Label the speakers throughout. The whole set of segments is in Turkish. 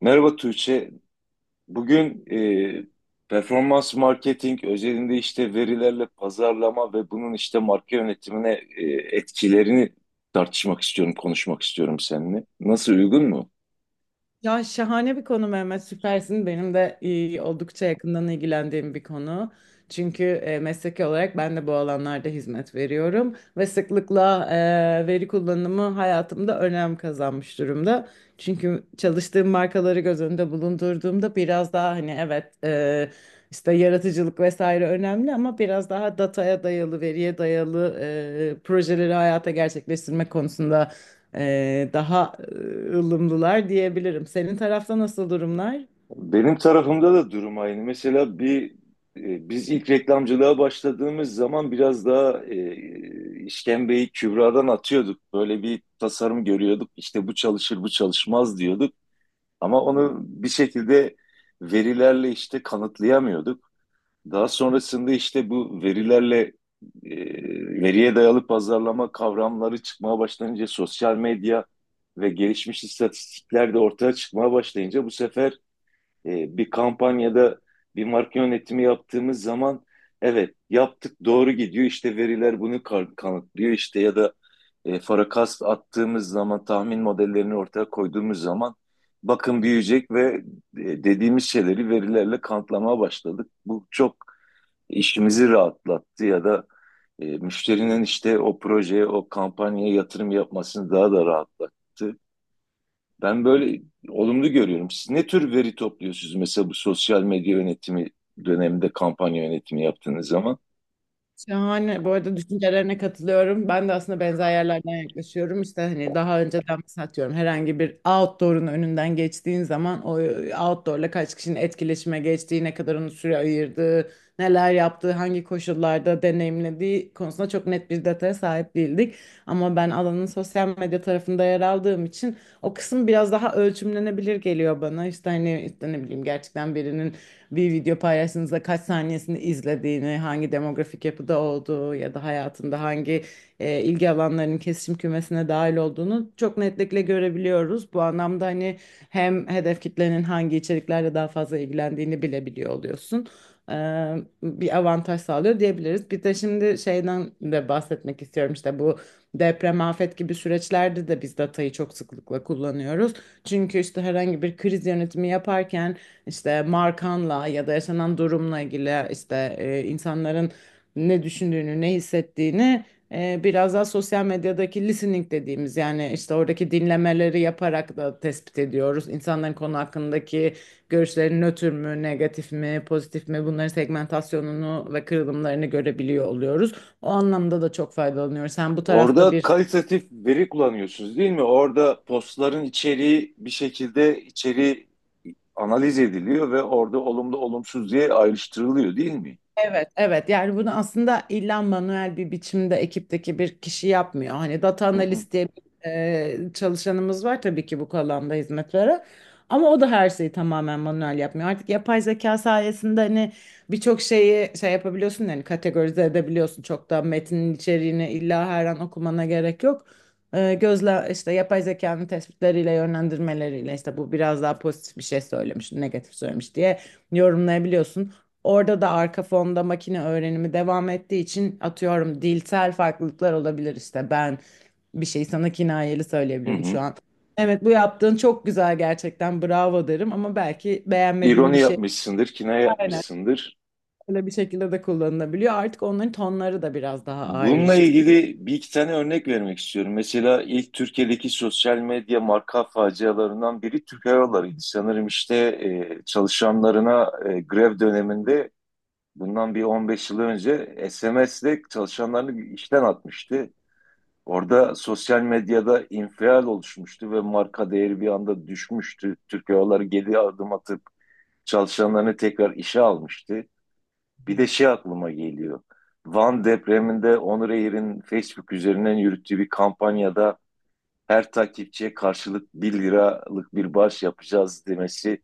Speaker 1: Merhaba Tuğçe. Bugün performans marketing özelinde işte verilerle pazarlama ve bunun işte marka yönetimine e, etkilerini tartışmak istiyorum, konuşmak istiyorum seninle. Nasıl, uygun mu?
Speaker 2: Ya şahane bir konu Mehmet, süpersin. Benim de oldukça yakından ilgilendiğim bir konu. Çünkü mesleki olarak ben de bu alanlarda hizmet veriyorum ve sıklıkla veri kullanımı hayatımda önem kazanmış durumda. Çünkü çalıştığım markaları göz önünde bulundurduğumda biraz daha hani evet, işte yaratıcılık vesaire önemli ama biraz daha dataya dayalı, veriye dayalı projeleri hayata gerçekleştirmek konusunda e, daha e, ılımlılar diyebilirim. Senin tarafta nasıl durumlar?
Speaker 1: Benim tarafımda da durum aynı. Mesela bir biz ilk reklamcılığa başladığımız zaman biraz daha işkembeyi kübradan atıyorduk. Böyle bir tasarım görüyorduk. İşte bu çalışır, bu çalışmaz diyorduk. Ama onu bir şekilde verilerle işte kanıtlayamıyorduk. Daha sonrasında işte bu verilerle e, veriye dayalı pazarlama kavramları çıkmaya başlayınca sosyal medya ve gelişmiş istatistikler de ortaya çıkmaya başlayınca bu sefer bir kampanyada bir marka yönetimi yaptığımız zaman evet yaptık, doğru gidiyor, işte veriler bunu kanıtlıyor işte, ya da forecast attığımız zaman, tahmin modellerini ortaya koyduğumuz zaman bakın büyüyecek ve dediğimiz şeyleri verilerle kanıtlamaya başladık. Bu çok işimizi rahatlattı ya da müşterinin işte o projeye, o kampanyaya yatırım yapmasını daha da rahatlattı. Ben böyle olumlu görüyorum. Siz ne tür veri topluyorsunuz mesela bu sosyal medya yönetimi döneminde kampanya yönetimi yaptığınız zaman?
Speaker 2: Şahane. Bu arada düşüncelerine katılıyorum. Ben de aslında benzer yerlerden yaklaşıyorum. İşte hani daha önceden mesela atıyorum herhangi bir outdoor'un önünden geçtiğin zaman o outdoor'la kaç kişinin etkileşime geçtiği, ne kadar onu süre ayırdığı, neler yaptığı, hangi koşullarda deneyimlediği konusunda çok net bir dataya sahip değildik. Ama ben alanın sosyal medya tarafında yer aldığım için o kısım biraz daha ölçümlenebilir geliyor bana. İşte hani işte ne bileyim gerçekten birinin bir video paylaştığınızda kaç saniyesini izlediğini, hangi demografik yapıda olduğu ya da hayatında hangi ilgi alanlarının kesişim kümesine dahil olduğunu çok netlikle görebiliyoruz. Bu anlamda hani hem hedef kitlenin hangi içeriklerle daha fazla ilgilendiğini bilebiliyor oluyorsun. Ee, Bir avantaj sağlıyor diyebiliriz. Bir de şimdi şeyden de bahsetmek istiyorum, işte bu deprem, afet gibi süreçlerde de biz datayı çok sıklıkla kullanıyoruz. Çünkü işte herhangi bir kriz yönetimi yaparken işte markanla ya da yaşanan durumla ilgili işte insanların ne düşündüğünü, ne hissettiğini, biraz daha sosyal medyadaki listening dediğimiz, yani işte oradaki dinlemeleri yaparak da tespit ediyoruz. İnsanların konu hakkındaki görüşleri nötr mü, negatif mi, pozitif mi, bunların segmentasyonunu ve kırılımlarını görebiliyor oluyoruz. O anlamda da çok faydalanıyoruz. Sen bu tarafta
Speaker 1: Orada
Speaker 2: bir
Speaker 1: kalitatif veri kullanıyorsunuz değil mi? Orada postların içeriği bir şekilde içeriği analiz ediliyor ve orada olumlu olumsuz diye ayrıştırılıyor değil mi?
Speaker 2: evet, evet. Yani bunu aslında illa manuel bir biçimde ekipteki bir kişi yapmıyor. Hani data
Speaker 1: Hı hı,
Speaker 2: analist diye bir çalışanımız var tabii ki bu alanda hizmet veren. Ama o da her şeyi tamamen manuel yapmıyor. Artık yapay zeka sayesinde hani birçok şeyi şey yapabiliyorsun, yani kategorize edebiliyorsun. Çok da metnin içeriğini illa her an okumana gerek yok. Gözle işte yapay zekanın tespitleriyle, yönlendirmeleriyle işte bu biraz daha pozitif bir şey söylemiş, negatif söylemiş diye yorumlayabiliyorsun. Orada da arka fonda makine öğrenimi devam ettiği için atıyorum dilsel farklılıklar olabilir. İşte ben bir şey sana kinayeli
Speaker 1: hı
Speaker 2: söyleyebilirim şu
Speaker 1: hı.
Speaker 2: an. Evet bu yaptığın çok güzel gerçekten, bravo derim ama belki beğenmediğim bir
Speaker 1: İroni
Speaker 2: şey
Speaker 1: yapmışsındır, kinaye yapmışsındır.
Speaker 2: öyle bir şekilde de kullanılabiliyor. Artık onların tonları da biraz daha
Speaker 1: Bununla
Speaker 2: ayrıştı.
Speaker 1: ilgili bir iki tane örnek vermek istiyorum. Mesela ilk Türkiye'deki sosyal medya marka facialarından biri Türk Hava Yolları'ydı. Sanırım işte çalışanlarına grev döneminde bundan bir 15 yıl önce SMS'le çalışanlarını işten atmıştı. Orada sosyal medyada infial oluşmuştu ve marka değeri bir anda düşmüştü. Türk Hava Yolları geri adım atıp çalışanlarını tekrar işe almıştı. Bir de şey aklıma geliyor. Van depreminde Onur Air'in Facebook üzerinden yürüttüğü bir kampanyada her takipçiye karşılık 1 liralık bir bağış yapacağız demesi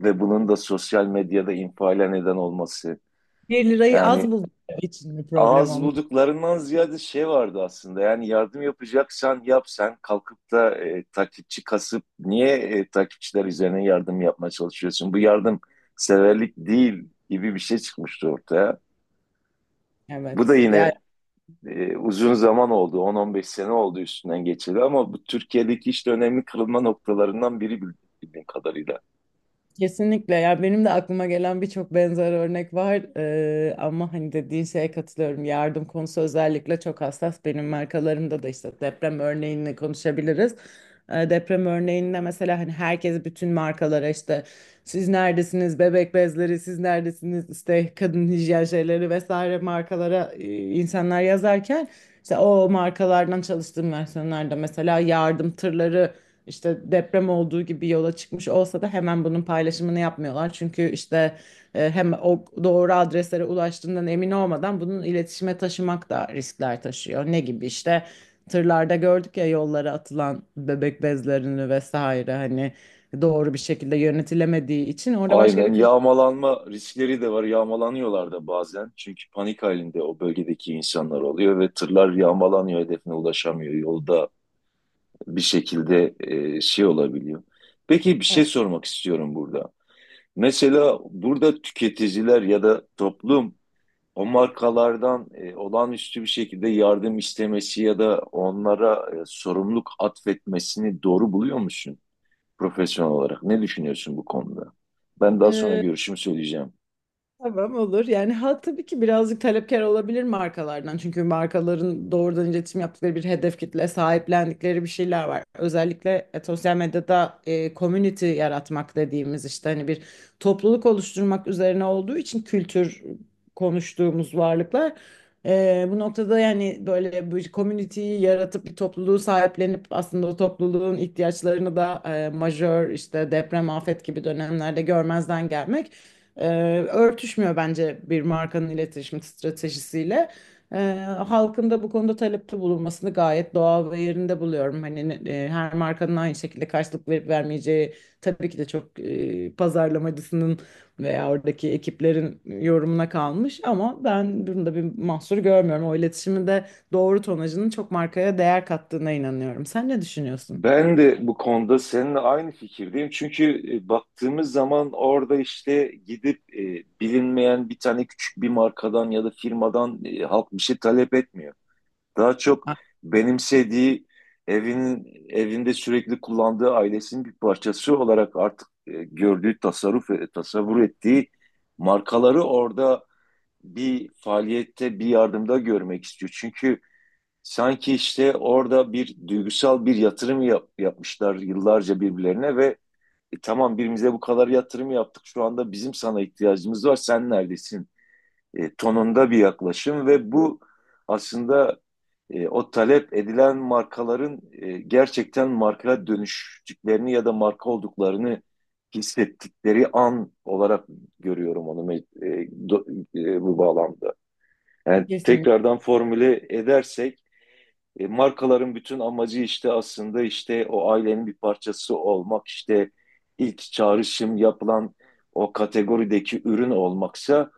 Speaker 1: ve bunun da sosyal medyada infiale neden olması.
Speaker 2: Bir lirayı az
Speaker 1: Yani
Speaker 2: bulduğum için bir problem
Speaker 1: ağız
Speaker 2: olmuş.
Speaker 1: bulduklarından ziyade şey vardı aslında. Yani yardım yapacaksan yap, sen kalkıp da takipçi kasıp niye takipçiler üzerine yardım yapmaya çalışıyorsun? Bu yardım severlik değil gibi bir şey çıkmıştı ortaya. Bu da
Speaker 2: Evet. Yani
Speaker 1: yine uzun zaman oldu. 10-15 sene oldu üstünden geçeli ama bu Türkiye'deki işte önemli kırılma noktalarından biri bildiğim kadarıyla.
Speaker 2: kesinlikle ya, benim de aklıma gelen birçok benzer örnek var. Ama hani dediğin şeye katılıyorum, yardım konusu özellikle çok hassas. Benim markalarımda da işte deprem örneğini konuşabiliriz. Deprem örneğinde mesela hani herkes bütün markalara işte siz neredesiniz bebek bezleri, siz neredesiniz işte kadın hijyen şeyleri vesaire markalara, insanlar yazarken işte o markalardan çalıştığım versiyonlarda mesela yardım tırları işte deprem olduğu gibi yola çıkmış olsa da hemen bunun paylaşımını yapmıyorlar. Çünkü işte hem o doğru adreslere ulaştığından emin olmadan bunun iletişime taşımak da riskler taşıyor. Ne gibi? İşte tırlarda gördük ya yollara atılan bebek bezlerini vesaire, hani doğru bir şekilde yönetilemediği için orada başka
Speaker 1: Aynen,
Speaker 2: bir kriz.
Speaker 1: yağmalanma riskleri de var. Yağmalanıyorlar da bazen. Çünkü panik halinde o bölgedeki insanlar oluyor ve tırlar yağmalanıyor, hedefine ulaşamıyor. Yolda bir şekilde şey olabiliyor. Peki bir şey sormak istiyorum burada. Mesela burada tüketiciler ya da toplum o markalardan olağanüstü bir şekilde yardım istemesi ya da onlara sorumluluk atfetmesini doğru buluyor musun profesyonel olarak? Ne düşünüyorsun bu konuda? Ben daha sonra
Speaker 2: Evet.
Speaker 1: görüşümü söyleyeceğim.
Speaker 2: Tamam, olur. Yani ha tabii ki birazcık talepkar olabilir markalardan. Çünkü markaların doğrudan iletişim yaptıkları bir hedef kitle, sahiplendikleri bir şeyler var. Özellikle sosyal medyada community yaratmak dediğimiz işte hani bir topluluk oluşturmak üzerine olduğu için kültür konuştuğumuz varlıklar. Bu noktada yani böyle bir community'yi yaratıp bir topluluğu sahiplenip aslında o topluluğun ihtiyaçlarını da majör işte deprem, afet gibi dönemlerde görmezden gelmek ee, örtüşmüyor bence bir markanın iletişim stratejisiyle. Ee, Halkın da bu konuda talepte bulunmasını gayet doğal ve yerinde buluyorum. Hani her markanın aynı şekilde karşılık verip vermeyeceği tabii ki de çok pazarlamacısının veya oradaki ekiplerin yorumuna kalmış ama ben bunda bir mahsur görmüyorum. O iletişimin de doğru tonajının çok markaya değer kattığına inanıyorum. Sen ne düşünüyorsun?
Speaker 1: Ben de bu konuda seninle aynı fikirdeyim. Çünkü baktığımız zaman orada işte gidip bilinmeyen bir tane küçük bir markadan ya da firmadan halk bir şey talep etmiyor. Daha çok benimsediği evinin evinde sürekli kullandığı ailesinin bir parçası olarak artık gördüğü tasarruf tasavvur ettiği markaları orada bir faaliyette, bir yardımda görmek istiyor. Çünkü sanki işte orada bir duygusal bir yatırım yapmışlar yıllarca birbirlerine ve "E, tamam, birimize bu kadar yatırım yaptık, şu anda bizim sana ihtiyacımız var, sen neredesin? Tonunda bir yaklaşım ve bu aslında o talep edilen markaların gerçekten marka dönüştüklerini ya da marka olduklarını hissettikleri an olarak görüyorum onu do, bu bağlamda. Yani
Speaker 2: Kesinlikle.
Speaker 1: tekrardan formüle edersek markaların bütün amacı işte aslında işte o ailenin bir parçası olmak, işte ilk çağrışım yapılan o kategorideki ürün olmaksa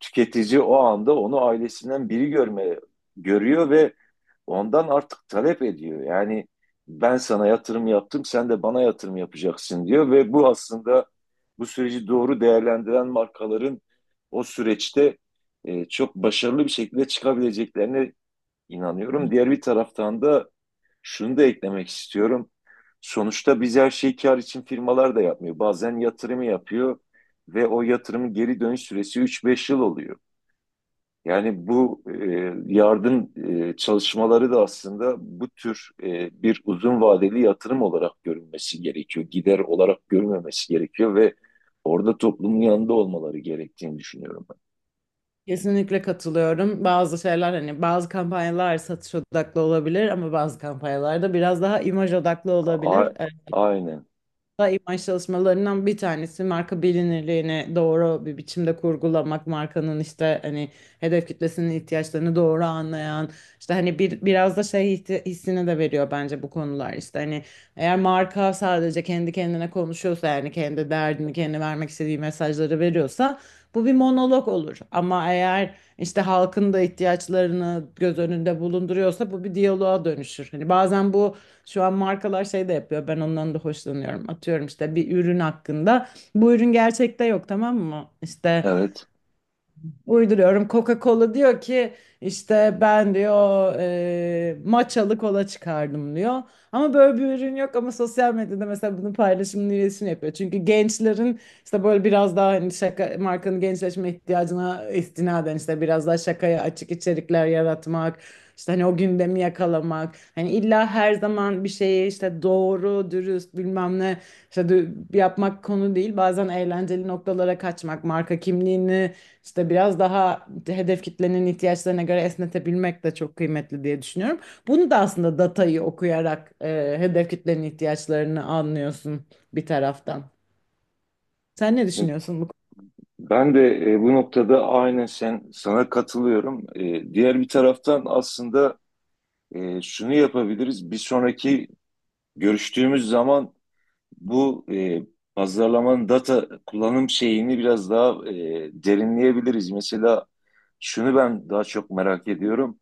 Speaker 1: tüketici o anda onu ailesinden biri görüyor ve ondan artık talep ediyor. Yani ben sana yatırım yaptım, sen de bana yatırım yapacaksın diyor ve bu aslında bu süreci doğru değerlendiren markaların o süreçte çok başarılı bir şekilde çıkabileceklerine inanıyorum. Diğer bir taraftan da şunu da eklemek istiyorum. Sonuçta biz her şeyi kar için firmalar da yapmıyor. Bazen yatırımı yapıyor ve o yatırımın geri dönüş süresi 3-5 yıl oluyor. Yani bu yardım çalışmaları da aslında bu tür bir uzun vadeli yatırım olarak görülmesi gerekiyor. Gider olarak görülmemesi gerekiyor ve orada toplumun yanında olmaları gerektiğini düşünüyorum ben.
Speaker 2: Kesinlikle katılıyorum. Bazı şeyler hani, bazı kampanyalar satış odaklı olabilir ama bazı kampanyalar da biraz daha imaj odaklı olabilir.
Speaker 1: A- aynen.
Speaker 2: Da imaj çalışmalarından bir tanesi marka bilinirliğini doğru bir biçimde kurgulamak, markanın işte hani hedef kitlesinin ihtiyaçlarını doğru anlayan, işte hani bir biraz da şey hissini de veriyor bence bu konular. İşte hani eğer marka sadece kendi kendine konuşuyorsa, yani kendi derdini, kendi vermek istediği mesajları veriyorsa bu bir monolog olur. Ama eğer işte halkın da ihtiyaçlarını göz önünde bulunduruyorsa bu bir diyaloğa dönüşür. Hani bazen bu şu an markalar şey de yapıyor. Ben ondan da hoşlanıyorum. Atıyorum işte bir ürün hakkında. Bu ürün gerçekte yok, tamam mı? İşte
Speaker 1: Evet.
Speaker 2: uyduruyorum. Coca-Cola diyor ki işte ben diyor matchalı kola çıkardım diyor. Ama böyle bir ürün yok ama sosyal medyada mesela bunun paylaşımını, iletişim yapıyor. Çünkü gençlerin işte böyle biraz daha hani şaka, markanın gençleşme ihtiyacına istinaden işte biraz daha şakaya açık içerikler yaratmak, işte hani o gündemi yakalamak. Hani illa her zaman bir şeyi işte doğru, dürüst bilmem ne işte yapmak konu değil. Bazen eğlenceli noktalara kaçmak, marka kimliğini işte biraz daha hedef kitlenin ihtiyaçlarına göre esnetebilmek de çok kıymetli diye düşünüyorum. Bunu da aslında datayı okuyarak hedef kitlenin ihtiyaçlarını anlıyorsun bir taraftan. Sen ne düşünüyorsun bu
Speaker 1: Ben de bu noktada aynen sana katılıyorum. Diğer bir taraftan aslında şunu yapabiliriz. Bir sonraki görüştüğümüz zaman bu pazarlamanın data kullanım şeyini biraz daha derinleyebiliriz. Mesela şunu ben daha çok merak ediyorum.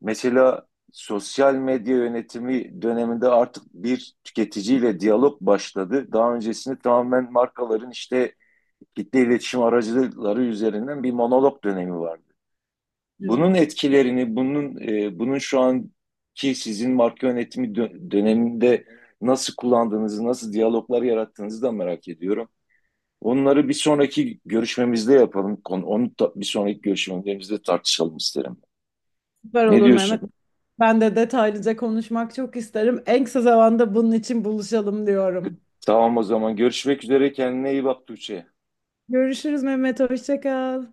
Speaker 1: Mesela sosyal medya yönetimi döneminde artık bir tüketiciyle diyalog başladı. Daha öncesinde tamamen markaların işte kitle iletişim aracıları üzerinden bir monolog dönemi vardı.
Speaker 2: konuda?
Speaker 1: Bunun
Speaker 2: Evet.
Speaker 1: etkilerini, bunun bunun şu anki sizin marka yönetimi döneminde nasıl kullandığınızı, nasıl diyaloglar yarattığınızı da merak ediyorum. Onları bir sonraki görüşmemizde yapalım. Onu da bir sonraki görüşmemizde tartışalım isterim.
Speaker 2: Süper
Speaker 1: Ne
Speaker 2: olur Mehmet.
Speaker 1: diyorsun?
Speaker 2: Ben de detaylıca konuşmak çok isterim. En kısa zamanda bunun için buluşalım diyorum.
Speaker 1: Tamam, o zaman görüşmek üzere. Kendine iyi bak Tuğçe.
Speaker 2: Görüşürüz Mehmet. Hoşça kal.